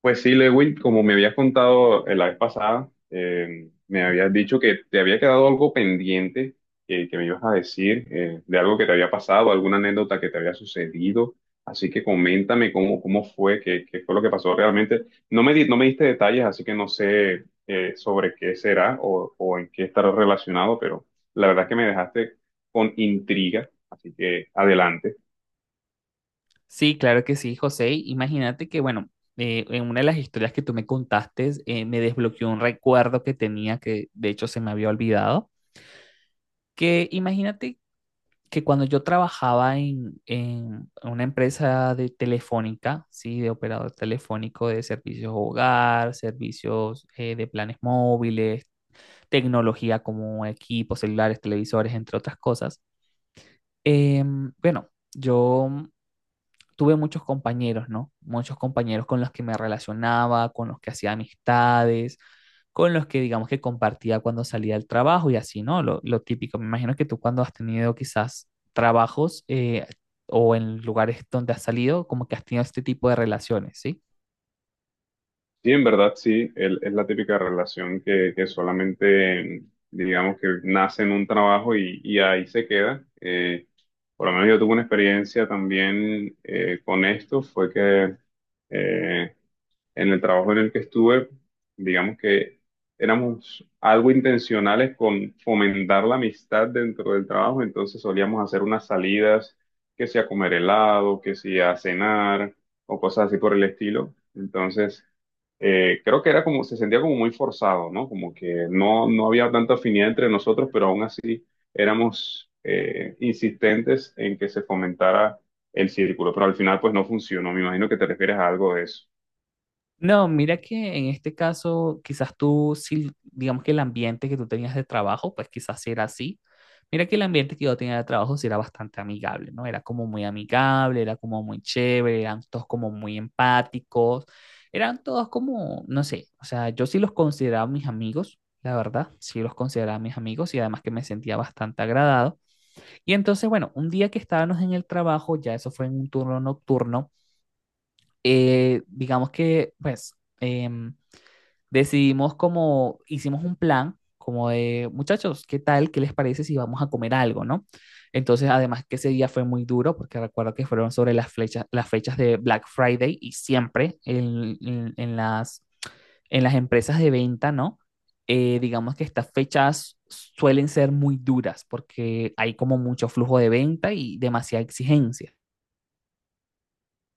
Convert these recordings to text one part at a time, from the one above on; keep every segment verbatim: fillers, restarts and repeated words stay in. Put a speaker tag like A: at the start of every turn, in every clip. A: Pues sí, Lewin, como me habías contado eh, la vez pasada, eh, me habías dicho que te había quedado algo pendiente, eh, que me ibas a decir eh, de algo que te había pasado, alguna anécdota que te había sucedido. Así que coméntame cómo, cómo fue, qué, qué fue lo que pasó realmente. No me di- no me diste detalles, así que no sé eh, sobre qué será o, o en qué estará relacionado, pero la verdad es que me dejaste con intriga. Así que adelante.
B: Sí, claro que sí, José. Imagínate que, bueno, eh, en una de las historias que tú me contaste, eh, me desbloqueó un recuerdo que tenía que, de hecho, se me había olvidado, que imagínate que cuando yo trabajaba en, en una empresa de telefónica, sí, de operador telefónico de servicios hogar, servicios eh, de planes móviles, tecnología como equipos, celulares, televisores, entre otras cosas, em, bueno, yo tuve muchos compañeros, ¿no? Muchos compañeros con los que me relacionaba, con los que hacía amistades, con los que digamos que compartía cuando salía del trabajo y así, ¿no? Lo, lo típico, me imagino que tú cuando has tenido quizás trabajos eh, o en lugares donde has salido, como que has tenido este tipo de relaciones, ¿sí?
A: Sí, en verdad sí, el- es la típica relación que, que solamente, digamos que nace en un trabajo y, y ahí se queda. Eh, por lo menos yo tuve una experiencia también, eh, con esto. Fue que eh, en el trabajo en el que estuve, digamos que éramos algo intencionales con fomentar la amistad dentro del trabajo, entonces solíamos hacer unas salidas, que sea a comer helado, que sea a cenar o cosas así por el estilo. Entonces, eh, creo que era como, se sentía como muy forzado, ¿no? Como que no, no había tanta afinidad entre nosotros, pero aún así éramos, eh, insistentes en que se fomentara el círculo, pero al final pues no funcionó. Me imagino que te refieres a algo de eso.
B: No, mira que en este caso, quizás tú, sí, digamos que el ambiente que tú tenías de trabajo, pues quizás sí era así. Mira que el ambiente que yo tenía de trabajo sí era bastante amigable, ¿no? Era como muy amigable, era como muy chévere, eran todos como muy empáticos, eran todos como, no sé, o sea, yo sí los consideraba mis amigos, la verdad, sí los consideraba mis amigos y además que me sentía bastante agradado. Y entonces, bueno, un día que estábamos en el trabajo, ya eso fue en un turno nocturno, eh, digamos que, pues... em, decidimos como, hicimos un plan como de, muchachos, ¿qué tal? ¿Qué les parece si vamos a comer algo, no? Entonces, además que ese día fue muy duro, porque recuerdo que fueron sobre las, flechas, las fechas de Black Friday y siempre en, en- en las, en las empresas de venta, ¿no? Eh, digamos que estas fechas suelen ser muy duras porque hay como mucho flujo de venta y demasiada exigencia.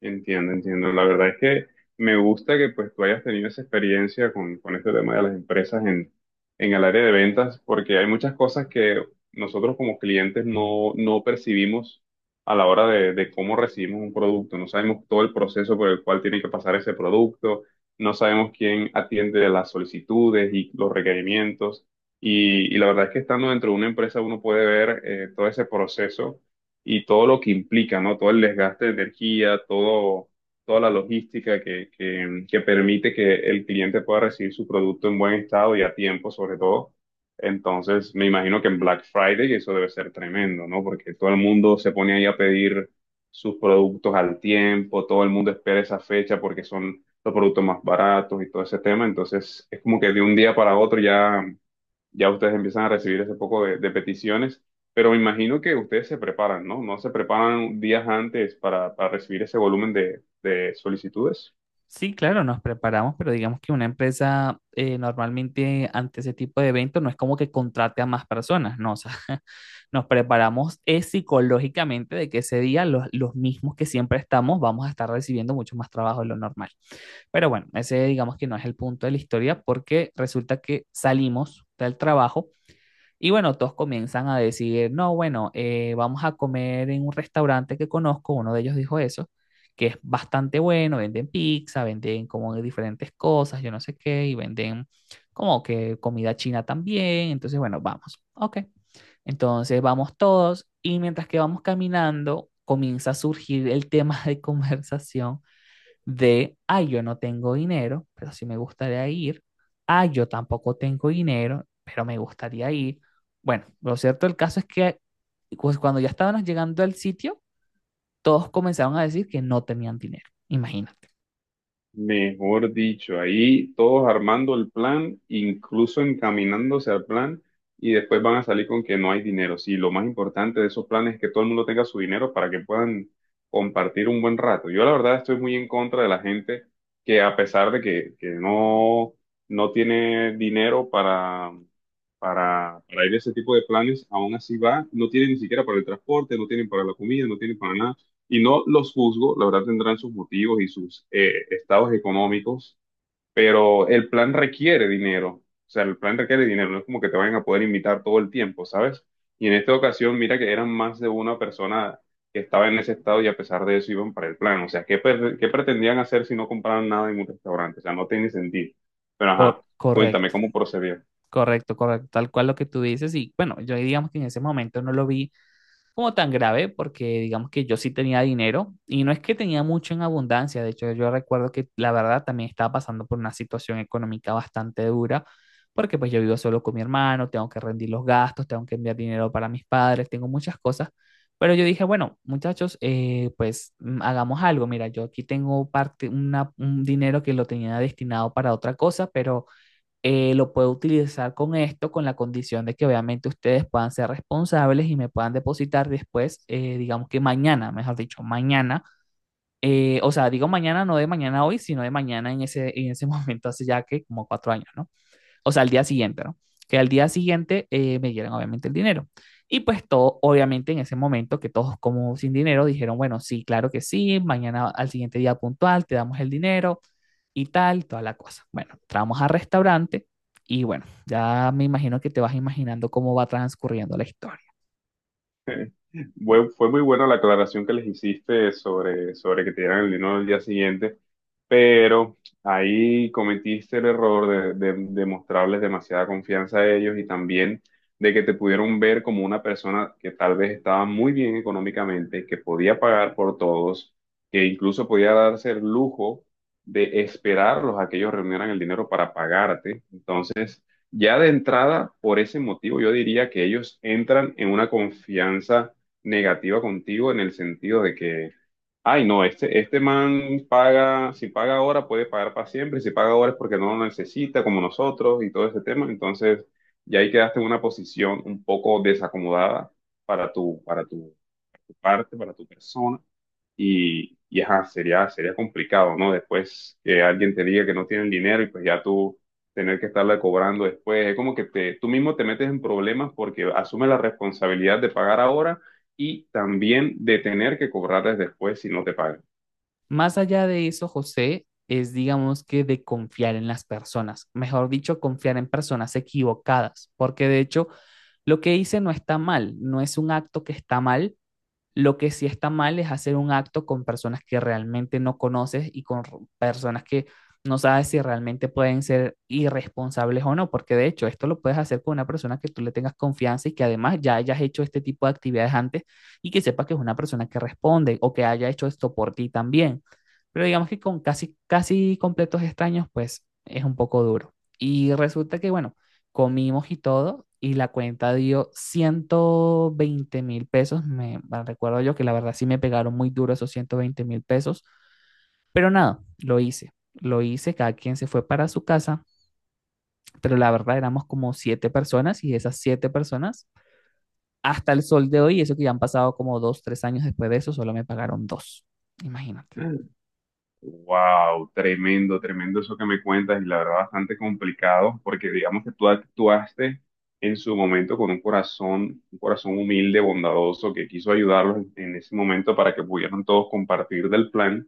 A: Entiendo, entiendo. La verdad es que me gusta que pues tú hayas tenido esa experiencia con, con este tema de las empresas en, en el área de ventas, porque hay muchas cosas que nosotros como clientes no, no percibimos a la hora de, de cómo recibimos un producto. No sabemos todo el proceso por el cual tiene que pasar ese producto, no sabemos quién atiende las solicitudes y los requerimientos. Y, y la verdad es que estando dentro de una empresa uno puede ver, eh, todo ese proceso y todo lo que implica, ¿no? Todo el desgaste de energía, todo, toda la logística que, que, que permite que el cliente pueda recibir su producto en buen estado y a tiempo, sobre todo. Entonces, me imagino que en Black Friday eso debe ser tremendo, ¿no? Porque todo el mundo se pone ahí a pedir sus productos al tiempo, todo el mundo espera esa fecha porque son los productos más baratos y todo ese tema. Entonces, es como que de un día para otro ya ya ustedes empiezan a recibir ese poco de, de peticiones, pero me imagino que ustedes se preparan, ¿no? ¿No se preparan días antes para, para recibir ese volumen de, de solicitudes?
B: Sí, claro, nos preparamos, pero digamos que una empresa eh, normalmente ante ese tipo de eventos no es como que contrate a más personas, no, o sea, nos preparamos eh, psicológicamente de que ese día los, los mismos que siempre estamos vamos a estar recibiendo mucho más trabajo de lo normal. Pero bueno, ese digamos que no es el punto de la historia porque resulta que salimos del trabajo y bueno, todos comienzan a decir, no, bueno, eh, vamos a comer en un restaurante que conozco, uno de ellos dijo eso, que es bastante bueno, venden pizza, venden como de diferentes cosas, yo no sé qué, y venden como que comida china también, entonces bueno, vamos, ok. Entonces vamos todos y mientras que vamos caminando, comienza a surgir el tema de conversación de, ay, yo no tengo dinero, pero sí me gustaría ir, ay, yo tampoco tengo dinero, pero me gustaría ir. Bueno, lo cierto del caso es que pues, cuando ya estábamos llegando al sitio, todos comenzaron a decir que no tenían dinero, imagínate.
A: Mejor dicho, ahí todos armando el plan, incluso encaminándose al plan, y después van a salir con que no hay dinero. Sí, lo más importante de esos planes es que todo el mundo tenga su dinero para que puedan compartir un buen rato. Yo la verdad estoy muy en contra de la gente que a pesar de que, que no, no tiene dinero para, para, para ir a ese tipo de planes, aún así va, no tiene ni siquiera para el transporte, no tienen para la comida, no tienen para nada y no los juzgo, la verdad tendrán sus motivos y sus, eh, estados económicos, pero el plan requiere dinero, o sea, el plan requiere dinero, no es como que te vayan a poder invitar todo el tiempo, ¿sabes? Y en esta ocasión, mira que eran más de una persona que estaba en ese estado y a pesar de eso iban para el plan, o sea, ¿qué, per- qué pretendían hacer si no compraban nada en un restaurante? O sea, no tiene sentido, pero
B: Cor-
A: ajá, cuéntame
B: correcto,
A: cómo procedió.
B: correcto, correcto, tal cual lo que tú dices y bueno, yo digamos que en ese momento no lo vi como tan grave, porque digamos que yo sí tenía dinero y no es que tenía mucho en abundancia, de hecho yo recuerdo que la verdad también estaba pasando por una situación económica bastante dura, porque pues yo vivo solo con mi hermano, tengo que rendir los gastos, tengo que enviar dinero para mis padres, tengo muchas cosas, pero yo dije, bueno, muchachos, eh, pues mm, hagamos algo, mira, yo aquí tengo parte, una- un dinero que lo tenía destinado para otra cosa, pero eh, lo puedo utilizar con esto, con la condición de que obviamente ustedes puedan ser responsables y me puedan depositar después, eh, digamos que mañana, mejor dicho, mañana. Eh, o sea, digo mañana, no de mañana hoy, sino de mañana en ese, en ese momento, hace ya que como cuatro años, ¿no? O sea, al día siguiente, ¿no? Que al día siguiente eh, me dieran obviamente el dinero. Y pues todo, obviamente en ese momento que todos como sin dinero dijeron, bueno, sí, claro que sí, mañana al siguiente día puntual te damos el dinero, y tal, toda la cosa. Bueno, entramos al restaurante y bueno, ya me imagino que te vas imaginando cómo va transcurriendo la historia.
A: Fue, fue muy buena la aclaración que les hiciste sobre, sobre que te dieran el dinero al día siguiente, pero ahí cometiste el error de, de- de mostrarles demasiada confianza a ellos y también de que te pudieron ver como una persona que tal vez estaba muy bien económicamente, que podía pagar por todos, que incluso podía darse el lujo de esperarlos a que ellos reunieran el dinero para pagarte. Ya de entrada, por ese motivo, yo diría que ellos entran en una confianza negativa contigo en el sentido de que, ay, no, este, este man paga. Si paga ahora puede pagar para siempre, si paga ahora es porque no lo necesita como nosotros y todo ese tema. Entonces, ya ahí quedaste en una posición un poco desacomodada para tu, para tu tu parte, para tu persona. Y, y ajá, sería, sería complicado, ¿no? Después que alguien te diga que no tienen dinero y pues ya tú tener que estarle cobrando después, es como que te, tú mismo te metes en problemas porque asumes la responsabilidad de pagar ahora y también de tener que cobrarles después si no te pagan.
B: Más allá de eso, José, es digamos que de confiar en las personas, mejor dicho, confiar en personas equivocadas, porque de hecho lo que hice no está mal, no es un acto que está mal. Lo que sí está mal es hacer un acto con personas que realmente no conoces y con personas que no sabes si realmente pueden ser irresponsables o no, porque de hecho esto lo puedes hacer con una persona que tú le tengas confianza y que además ya hayas hecho este tipo de actividades antes y que sepa que es una persona que responde o que haya hecho esto por ti también. Pero digamos que con casi, casi completos extraños, pues es un poco duro. Y resulta que, bueno, comimos y todo, y la cuenta dio ciento veinte mil pesos. Me bueno, recuerdo yo que la verdad sí me pegaron muy duro esos ciento veinte mil pesos, pero nada, lo hice. Lo hice, cada quien se fue para su casa, pero la verdad éramos como siete personas y esas siete personas, hasta el sol de hoy, eso que ya han pasado como dos, tres años después de eso, solo me pagaron dos. Imagínate.
A: Wow, tremendo, tremendo eso que me cuentas y la verdad bastante complicado porque digamos que tú actuaste en su momento con un corazón, un corazón humilde, bondadoso, que quiso ayudarlos en ese momento para que pudieran todos compartir del plan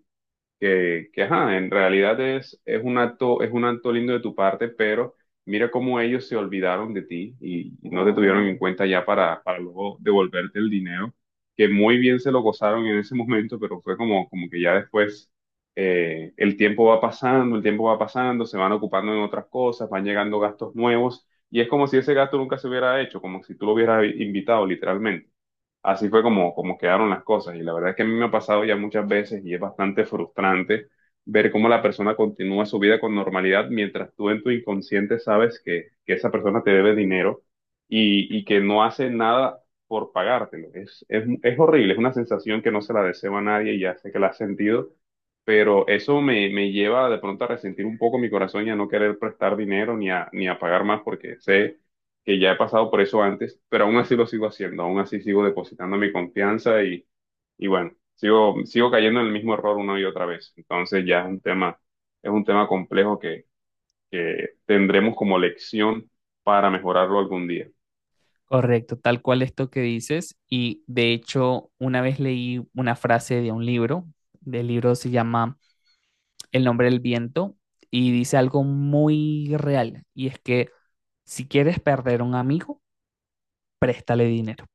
A: que, que, ajá, en realidad es, es un acto, es un acto lindo de tu parte, pero mira cómo ellos se olvidaron de ti y no te tuvieron en cuenta ya para, para luego devolverte el dinero, que muy bien se lo gozaron en ese momento, pero fue como, como que ya después, eh, el tiempo va pasando, el tiempo va pasando, se van ocupando en otras cosas, van llegando gastos nuevos, y es como si ese gasto nunca se hubiera hecho, como si tú lo hubieras invitado literalmente. Así fue como, como quedaron las cosas. Y la verdad es que a mí me ha pasado ya muchas veces y es bastante frustrante ver cómo la persona continúa su vida con normalidad mientras tú en tu inconsciente sabes que, que esa persona te debe dinero y, y que no hace nada por pagártelo. Es, es, es horrible, es una sensación que no se la deseo a nadie y ya sé que la has sentido. Pero eso me, me lleva de pronto a resentir un poco mi corazón y a no querer prestar dinero ni a, ni a pagar más porque sé que ya he pasado por eso antes, pero aún así lo sigo haciendo, aún así sigo depositando mi confianza y, y bueno, sigo, sigo cayendo en el mismo error una y otra vez. Entonces ya es un tema, es un tema complejo que, que tendremos como lección para mejorarlo algún día.
B: Correcto, tal cual esto que dices. Y de hecho, una vez leí una frase de un libro, del libro se llama El nombre del viento y dice algo muy real y es que si quieres perder a un amigo, préstale dinero.